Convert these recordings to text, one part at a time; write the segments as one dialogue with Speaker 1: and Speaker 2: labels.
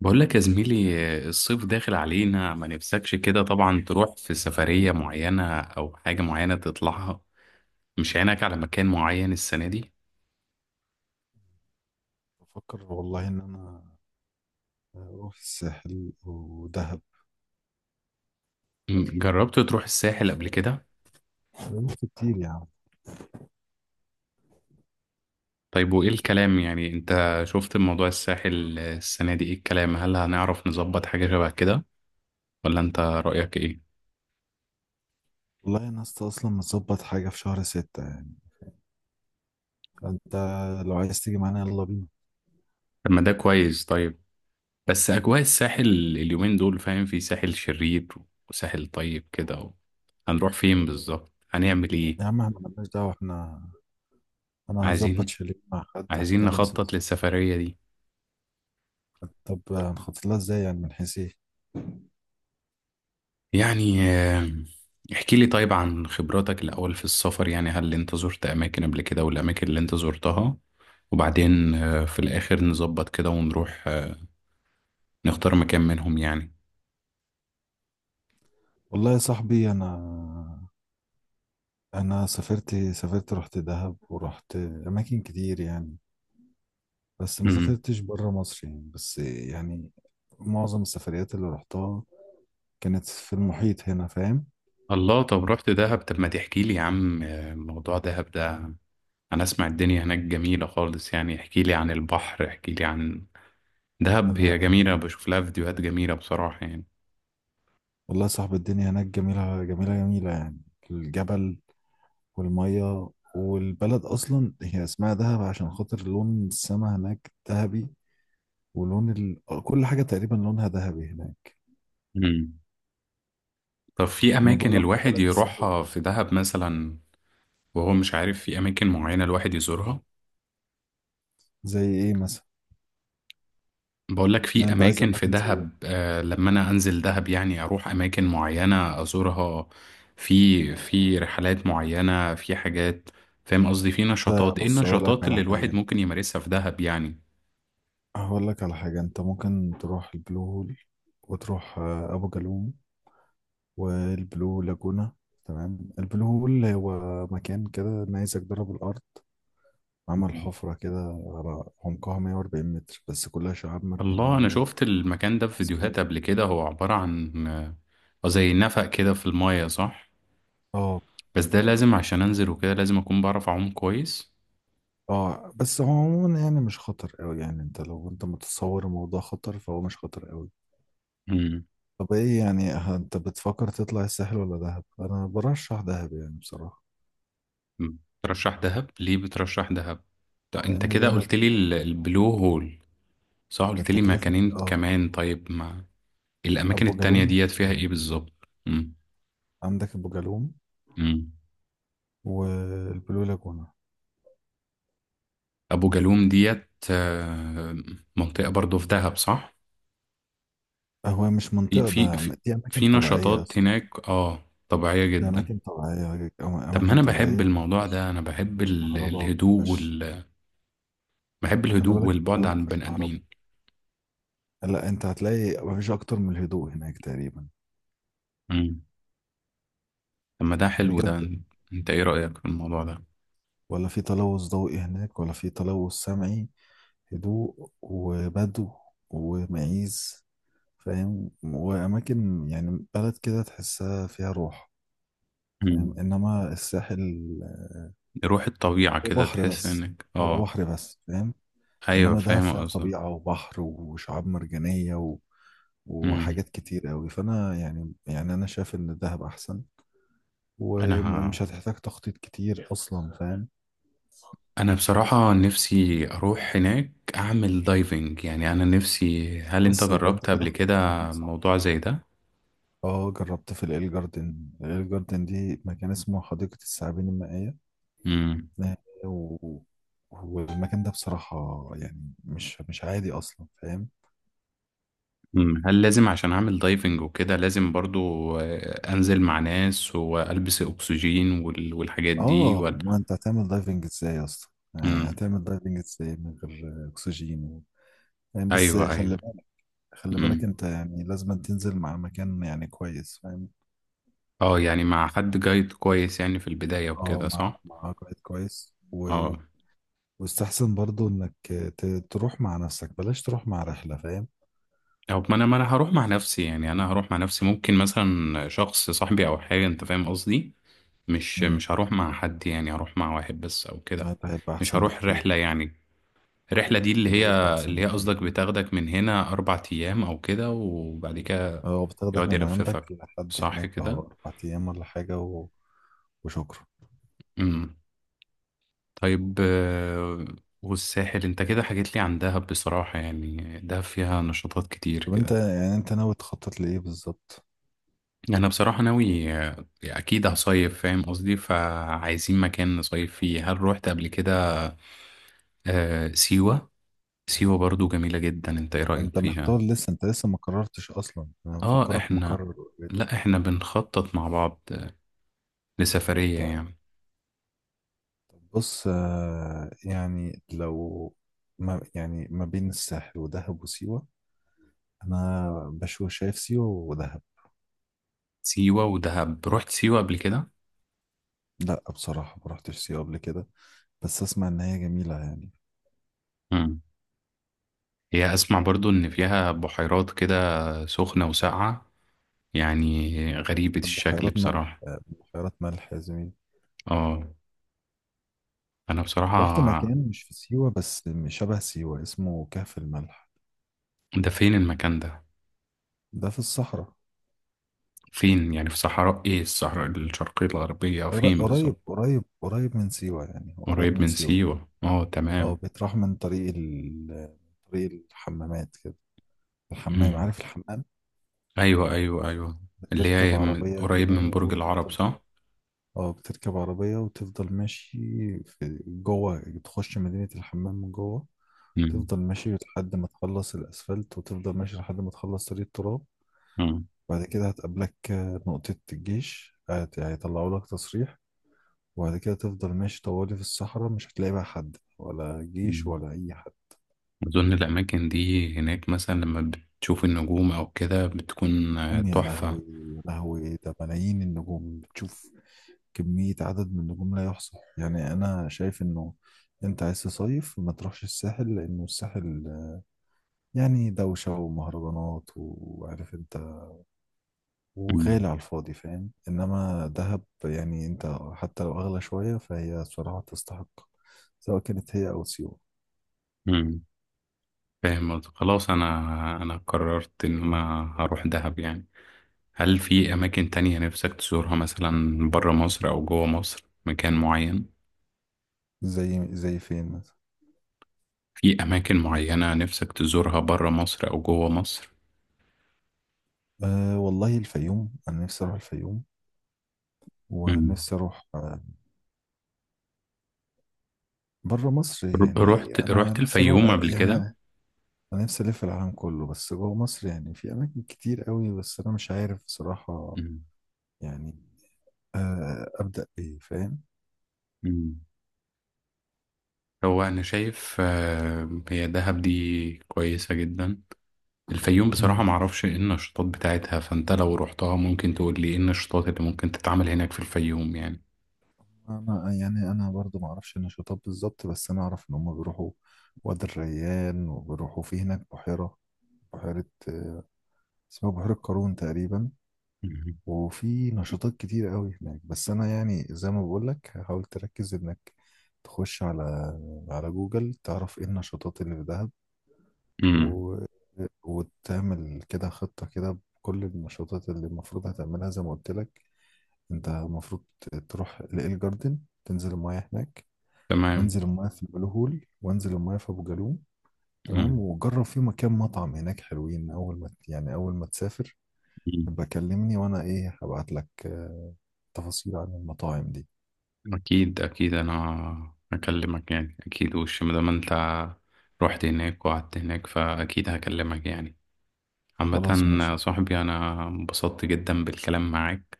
Speaker 1: بقول لك يا زميلي، الصيف داخل علينا، ما نفسكش كده طبعا تروح في سفرية معينة أو حاجة معينة تطلعها؟ مش عينك على مكان معين السنة دي؟
Speaker 2: بفكر والله ان انا اروح الساحل ودهب.
Speaker 1: جربت تروح الساحل قبل كده؟
Speaker 2: فلوس كتير يعني.
Speaker 1: طيب وإيه الكلام، يعني أنت شفت موضوع الساحل السنة دي إيه الكلام؟ هل هنعرف نظبط حاجة شبه كده، ولا أنت رأيك إيه؟
Speaker 2: والله انا لسه اصلا مظبط حاجه في شهر ستة يعني. فانت لو عايز تيجي معانا يلا بينا.
Speaker 1: طب ما ده كويس. طيب، بس أجواء الساحل اليومين دول، فاهم، في ساحل شرير وساحل طيب كده. هنروح فين بالظبط؟ هنعمل إيه؟
Speaker 2: يا عم احنا مالناش دعوه، احنا انا هظبط
Speaker 1: عايزين
Speaker 2: شاليه مع حد،
Speaker 1: عايزين
Speaker 2: هتكلم
Speaker 1: نخطط
Speaker 2: سمسار.
Speaker 1: للسفرية دي.
Speaker 2: طب هنخطط لها ازاي يعني، من حيث ايه؟
Speaker 1: يعني احكي لي طيب عن خبراتك الأول في السفر، يعني هل أنت زرت أماكن قبل كده؟ والأماكن اللي أنت زرتها، وبعدين في الآخر نظبط كده ونروح نختار مكان منهم يعني.
Speaker 2: والله يا صاحبي انا سافرت رحت دهب ورحت اماكن كتير يعني، بس ما
Speaker 1: مم.
Speaker 2: سافرتش بره مصر يعني، بس يعني معظم السفريات اللي رحتها كانت في المحيط هنا، فاهم؟
Speaker 1: الله، طب رحت دهب؟ طب ما تحكي لي يا عم موضوع دهب ده. أنا أسمع الدنيا هناك جميلة خالص يعني، احكي لي عن البحر، احكي لي عن دهب.
Speaker 2: ال-
Speaker 1: هي
Speaker 2: ال-
Speaker 1: جميلة، بشوف لها فيديوهات جميلة بصراحة يعني.
Speaker 2: والله يا صاحبي الدنيا هناك جميلة جميلة جميلة يعني، الجبل والمية والبلد أصلا، هي اسمها دهب عشان خاطر لون السما هناك ذهبي، ولون كل حاجة تقريبا لونها ذهبي هناك.
Speaker 1: مم. طب في
Speaker 2: ما
Speaker 1: أماكن
Speaker 2: بيقولوا عليها
Speaker 1: الواحد
Speaker 2: بلد السحر
Speaker 1: يروحها
Speaker 2: والجنة.
Speaker 1: في دهب مثلا وهو مش عارف؟ في أماكن معينة الواحد يزورها؟
Speaker 2: زي إيه مثلا؟
Speaker 1: بقول لك
Speaker 2: يعني
Speaker 1: في
Speaker 2: أنت عايز
Speaker 1: أماكن في
Speaker 2: أماكن زي
Speaker 1: دهب،
Speaker 2: إيه؟
Speaker 1: لما أنا أنزل دهب يعني أروح أماكن معينة أزورها. في رحلات معينة، في حاجات، فاهم قصدي، في
Speaker 2: أنت
Speaker 1: نشاطات. إيه
Speaker 2: بص، أقول لك
Speaker 1: النشاطات
Speaker 2: على
Speaker 1: اللي الواحد
Speaker 2: حاجة،
Speaker 1: ممكن يمارسها في دهب يعني؟
Speaker 2: هقول لك على حاجة، أنت ممكن تروح البلو هول، وتروح أبو جالوم والبلو لاجونا. تمام، البلو هول هو مكان كده نيزك ضرب الأرض، عمل حفرة كده على عمقها 140 متر، بس كلها شعاب
Speaker 1: الله،
Speaker 2: مرجانية
Speaker 1: أنا شفت المكان ده في
Speaker 2: وأسماك.
Speaker 1: فيديوهات قبل كده. هو عبارة عن زي نفق كده في الماية، صح؟
Speaker 2: اه،
Speaker 1: بس ده لازم عشان أنزل وكده لازم أكون بعرف أعوم كويس.
Speaker 2: اه، بس هو عموما يعني مش خطر قوي، يعني انت لو متصور الموضوع خطر فهو مش خطر قوي. طب ايه يعني، انت بتفكر تطلع الساحل ولا دهب؟ انا برشح دهب يعني بصراحة.
Speaker 1: مم. ترشح دهب ليه؟ بترشح دهب؟ طب انت
Speaker 2: لان
Speaker 1: كده
Speaker 2: دهب
Speaker 1: قلت لي البلو هول، صح؟ قلت لي
Speaker 2: تكلفة،
Speaker 1: مكانين كمان، طيب ما الاماكن
Speaker 2: ابو
Speaker 1: التانية
Speaker 2: جالوم،
Speaker 1: ديت فيها ايه بالظبط؟ مم.
Speaker 2: عندك ابو جالوم
Speaker 1: مم.
Speaker 2: والبلو لاجونا.
Speaker 1: ابو جالوم ديت منطقة برضو في دهب، صح؟
Speaker 2: هو مش
Speaker 1: في
Speaker 2: منطقة
Speaker 1: في
Speaker 2: ده،
Speaker 1: في,
Speaker 2: دي اماكن
Speaker 1: في
Speaker 2: طبيعية يا
Speaker 1: نشاطات
Speaker 2: اسطى.
Speaker 1: هناك، اه، طبيعية
Speaker 2: دي
Speaker 1: جدا.
Speaker 2: أماكن طبيعية،
Speaker 1: طب ما
Speaker 2: أماكن
Speaker 1: انا
Speaker 2: طبيعية
Speaker 1: بحب
Speaker 2: ما
Speaker 1: الموضوع ده،
Speaker 2: فيهاش،
Speaker 1: انا بحب
Speaker 2: ما فيهاش كهرباء وما
Speaker 1: الهدوء
Speaker 2: فيهاش.
Speaker 1: بحب
Speaker 2: خلي
Speaker 1: الهدوء
Speaker 2: بالك،
Speaker 1: والبعد
Speaker 2: القاهرة ما
Speaker 1: عن
Speaker 2: فيهاش
Speaker 1: البني
Speaker 2: كهرباء،
Speaker 1: ادمين.
Speaker 2: لا أنت هتلاقي ما فيش أكتر من الهدوء هناك تقريبا،
Speaker 1: مم. طب ما ده حلو
Speaker 2: بجد.
Speaker 1: ده. انت ايه رأيك في الموضوع ده؟
Speaker 2: ولا في تلوث ضوئي هناك ولا في تلوث سمعي، هدوء وبدو ومعيز، فاهم؟ وأماكن يعني، بلد كده تحسها فيها روح،
Speaker 1: مم.
Speaker 2: فاهم؟ إنما الساحل
Speaker 1: روح الطبيعة
Speaker 2: هو
Speaker 1: كده،
Speaker 2: بحر
Speaker 1: تحس
Speaker 2: بس،
Speaker 1: انك
Speaker 2: هو
Speaker 1: اه.
Speaker 2: بحر بس، فاهم؟
Speaker 1: ايوه،
Speaker 2: انما ده
Speaker 1: فاهم
Speaker 2: فيها
Speaker 1: قصدك.
Speaker 2: طبيعه وبحر وشعاب مرجانيه
Speaker 1: امم.
Speaker 2: وحاجات كتير قوي، فانا يعني، انا شايف ان دهب احسن،
Speaker 1: انا
Speaker 2: ومش هتحتاج تخطيط كتير اصلا، فاهم؟
Speaker 1: انا بصراحة نفسي اروح هناك اعمل دايفنج، يعني انا نفسي. هل انت
Speaker 2: بس يبقى انت
Speaker 1: جربت
Speaker 2: كده
Speaker 1: قبل كده
Speaker 2: اخترت المكان، صح؟
Speaker 1: موضوع زي ده؟
Speaker 2: اه، جربت في الايل جاردن، الايل جاردن دي مكان اسمه حديقة الثعابين المائية،
Speaker 1: امم.
Speaker 2: آه، و... والمكان ده بصراحة يعني مش عادي اصلا، فاهم؟
Speaker 1: أمم. هل لازم عشان اعمل دايفنج وكده لازم برضو انزل مع ناس والبس اكسجين والحاجات دي،
Speaker 2: اه،
Speaker 1: ولا؟
Speaker 2: ما انت هتعمل دايفنج ازاي اصلا، يعني
Speaker 1: امم.
Speaker 2: هتعمل دايفنج ازاي من غير اكسجين؟ فاهم؟ بس
Speaker 1: ايوه، ايوه.
Speaker 2: خلي بالك، خلي بالك
Speaker 1: امم.
Speaker 2: انت يعني لازم تنزل مع مكان يعني كويس، فاهم؟
Speaker 1: اه، يعني مع حد جايد كويس يعني في البداية
Speaker 2: اه،
Speaker 1: وكده،
Speaker 2: مع
Speaker 1: صح؟
Speaker 2: مع قائد كويس،
Speaker 1: اه.
Speaker 2: واستحسن برضو انك ت... تروح مع نفسك، بلاش تروح مع رحلة، فاهم؟
Speaker 1: او، ما انا هروح مع نفسي، يعني انا هروح مع نفسي، ممكن مثلا شخص صاحبي او حاجه، انت فاهم قصدي. مش
Speaker 2: امم
Speaker 1: مش هروح مع حد يعني، هروح مع واحد بس او كده.
Speaker 2: ده هيبقى
Speaker 1: مش
Speaker 2: احسن
Speaker 1: هروح
Speaker 2: بكتير،
Speaker 1: رحله يعني، الرحله دي اللي
Speaker 2: ده
Speaker 1: هي
Speaker 2: هيبقى احسن
Speaker 1: اللي هي
Speaker 2: بكتير.
Speaker 1: قصدك بتاخدك من هنا اربع ايام او كده، وبعد كده
Speaker 2: اه، بتاخدك
Speaker 1: يقعد
Speaker 2: من عندك
Speaker 1: يلففك،
Speaker 2: لحد
Speaker 1: صح
Speaker 2: هناك، اه،
Speaker 1: كده؟
Speaker 2: اربع ايام ولا حاجة، وشكرا.
Speaker 1: امم. طيب والساحل، انت كده حكيت لي عن دهب بصراحه، يعني دهب فيها نشاطات كتير
Speaker 2: طب انت
Speaker 1: كده.
Speaker 2: يعني ناوي تخطط لايه بالظبط؟
Speaker 1: انا بصراحة ناوي اكيد هصيف، فاهم قصدي، فعايزين مكان نصيف فيه. هل روحت قبل كده آه سيوة؟ سيوة برضو جميلة جدا، انت ايه رأيك
Speaker 2: انت
Speaker 1: فيها؟
Speaker 2: محتار لسه، انت لسه ما قررتش اصلا، انا
Speaker 1: اه
Speaker 2: مفكرك
Speaker 1: احنا،
Speaker 2: مقرر.
Speaker 1: لا احنا بنخطط مع بعض لسفرية يعني.
Speaker 2: بص، يعني لو، ما بين الساحل ودهب وسيوة، أنا شايف سيوة ودهب.
Speaker 1: سيوة ودهب، روحت سيوة قبل كده؟
Speaker 2: لا بصراحة ما رحتش سيوة قبل كده، بس أسمع إن هي جميلة يعني.
Speaker 1: مم. هي، اسمع برضو ان فيها بحيرات كده سخنة وساقعة يعني، غريبة الشكل
Speaker 2: بحيرات ملح،
Speaker 1: بصراحة.
Speaker 2: بحيرات ملح يا زميلي.
Speaker 1: اه. انا
Speaker 2: رحت
Speaker 1: بصراحة،
Speaker 2: مكان مش في سيوة، بس شبه سيوة، اسمه كهف الملح.
Speaker 1: ده فين المكان ده؟
Speaker 2: ده في الصحراء،
Speaker 1: فين يعني؟ في صحراء ايه، الصحراء الشرقية الغربية أو فين
Speaker 2: قريب
Speaker 1: بالظبط؟
Speaker 2: قريب قريب من سيوة، يعني هو قريب
Speaker 1: قريب
Speaker 2: من
Speaker 1: من
Speaker 2: سيوة.
Speaker 1: سيوة، اه
Speaker 2: اه،
Speaker 1: تمام.
Speaker 2: بيتراح من طريق طريق الحمامات كده، الحمام،
Speaker 1: مم.
Speaker 2: عارف الحمام؟
Speaker 1: أيوة أيوة أيوة. اللي
Speaker 2: بتركب
Speaker 1: هي
Speaker 2: عربية
Speaker 1: قريب
Speaker 2: كده
Speaker 1: من برج العرب،
Speaker 2: وتفضل،
Speaker 1: صح؟
Speaker 2: اه بتركب عربية وتفضل ماشي، في جوه تخش مدينة الحمام من جوه،
Speaker 1: مم.
Speaker 2: تفضل ماشي لحد ما تخلص الأسفلت، وتفضل ماشي لحد ما تخلص طريق التراب.
Speaker 1: مم.
Speaker 2: بعد كده هتقابلك نقطة الجيش، هيطلعوا لك تصريح، وبعد كده تفضل ماشي طوالي في الصحراء، مش هتلاقي بقى حد ولا جيش
Speaker 1: مم.
Speaker 2: ولا أي حد.
Speaker 1: أظن الأماكن دي هناك مثلا لما بتشوف النجوم أو كده بتكون
Speaker 2: نجوم، يا
Speaker 1: تحفة.
Speaker 2: لهوي يا لهوي، ده ملايين النجوم بتشوف، كمية عدد من النجوم لا يحصى. يعني أنا شايف إنه أنت عايز تصيف، ما تروحش الساحل، لأنه الساحل يعني دوشة ومهرجانات، وعارف أنت،
Speaker 1: مم.
Speaker 2: وغالي على الفاضي، فاهم؟ إنما دهب يعني أنت حتى لو أغلى شوية فهي صراحة تستحق، سواء كانت هي أو سيوة.
Speaker 1: مم. فاهم قصدك. خلاص، أنا قررت إن أنا هروح دهب يعني. هل في أماكن تانية نفسك تزورها مثلا برا مصر أو جوا مصر مكان معين؟
Speaker 2: زي فين مثلا؟
Speaker 1: في أماكن معينة نفسك تزورها برا مصر أو جوه مصر؟
Speaker 2: أه والله الفيوم، أنا نفسي أروح الفيوم،
Speaker 1: مم.
Speaker 2: ونفسي أروح بره مصر يعني،
Speaker 1: رحت
Speaker 2: أنا
Speaker 1: رحت
Speaker 2: نفسي أروح
Speaker 1: الفيوم قبل
Speaker 2: يعني
Speaker 1: كده؟
Speaker 2: انا نفسي الف العالم كله، بس جوه مصر يعني في اماكن كتير قوي، بس انا مش عارف بصراحة
Speaker 1: مم.
Speaker 2: يعني، ابدا بايه، فاهم؟
Speaker 1: مم. هو أنا شايف هي دهب دي كويسة جدا. الفيوم
Speaker 2: مم.
Speaker 1: بصراحة معرفش إيه النشاطات بتاعتها، فأنت لو رحتها ممكن تقول لي إيه النشاطات اللي ممكن تتعمل هناك في الفيوم يعني.
Speaker 2: انا برضو ما اعرفش النشاطات بالظبط، بس انا اعرف ان هم بيروحوا وادي الريان، وبيروحوا في هناك بحيرة، بحيرة آه، اسمها بحيرة قارون تقريبا.
Speaker 1: مم.
Speaker 2: وفي نشاطات كتير قوي هناك، بس انا يعني زي ما بقول لك، حاول تركز انك تخش على جوجل، تعرف ايه النشاطات اللي في دهب،
Speaker 1: مم.
Speaker 2: و... وتعمل كده خطة كده بكل النشاطات اللي المفروض هتعملها، زي ما قلت لك. انت المفروض تروح لإل جاردن، تنزل المايه هناك،
Speaker 1: تمام.
Speaker 2: وانزل المايه في البلو هول، وانزل المايه في ابو جالوم، تمام.
Speaker 1: مم.
Speaker 2: وجرب في مكان مطعم هناك حلوين، اول ما تسافر
Speaker 1: مم.
Speaker 2: يبقى كلمني، وانا هبعت لك تفاصيل عن المطاعم دي.
Speaker 1: أكيد أكيد، أنا هكلمك يعني، أكيد. وش ما دام أنت رحت هناك وقعدت هناك فأكيد هكلمك يعني.
Speaker 2: خلاص ماشي
Speaker 1: عامة،
Speaker 2: يا صديقي،
Speaker 1: صاحبي، أنا انبسطت جدا بالكلام معاك،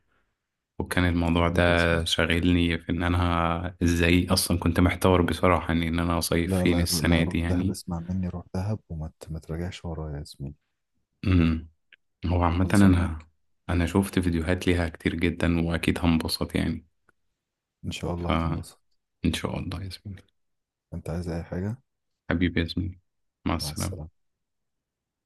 Speaker 1: وكان الموضوع
Speaker 2: حبيبي يا زميلي،
Speaker 1: ده شاغلني في إن أنا إزاي. أصلا كنت محتار بصراحة إن أنا أصيف
Speaker 2: لا،
Speaker 1: فين
Speaker 2: لا، لا،
Speaker 1: السنة
Speaker 2: روح
Speaker 1: دي
Speaker 2: دهب،
Speaker 1: يعني.
Speaker 2: اسمع مني، روح دهب وما ت- ما تراجعش ورايا يا زميلي.
Speaker 1: أمم. هو عامة
Speaker 2: خلصة
Speaker 1: أنا
Speaker 2: معاك،
Speaker 1: أنا شوفت فيديوهات ليها كتير جدا وأكيد هنبسط يعني.
Speaker 2: ان شاء الله هتنبسط.
Speaker 1: فإن شاء الله يا زميلي.
Speaker 2: انت عايز اي حاجة؟
Speaker 1: حبيبي يا زميلي، مع
Speaker 2: مع
Speaker 1: السلامة.
Speaker 2: السلامة.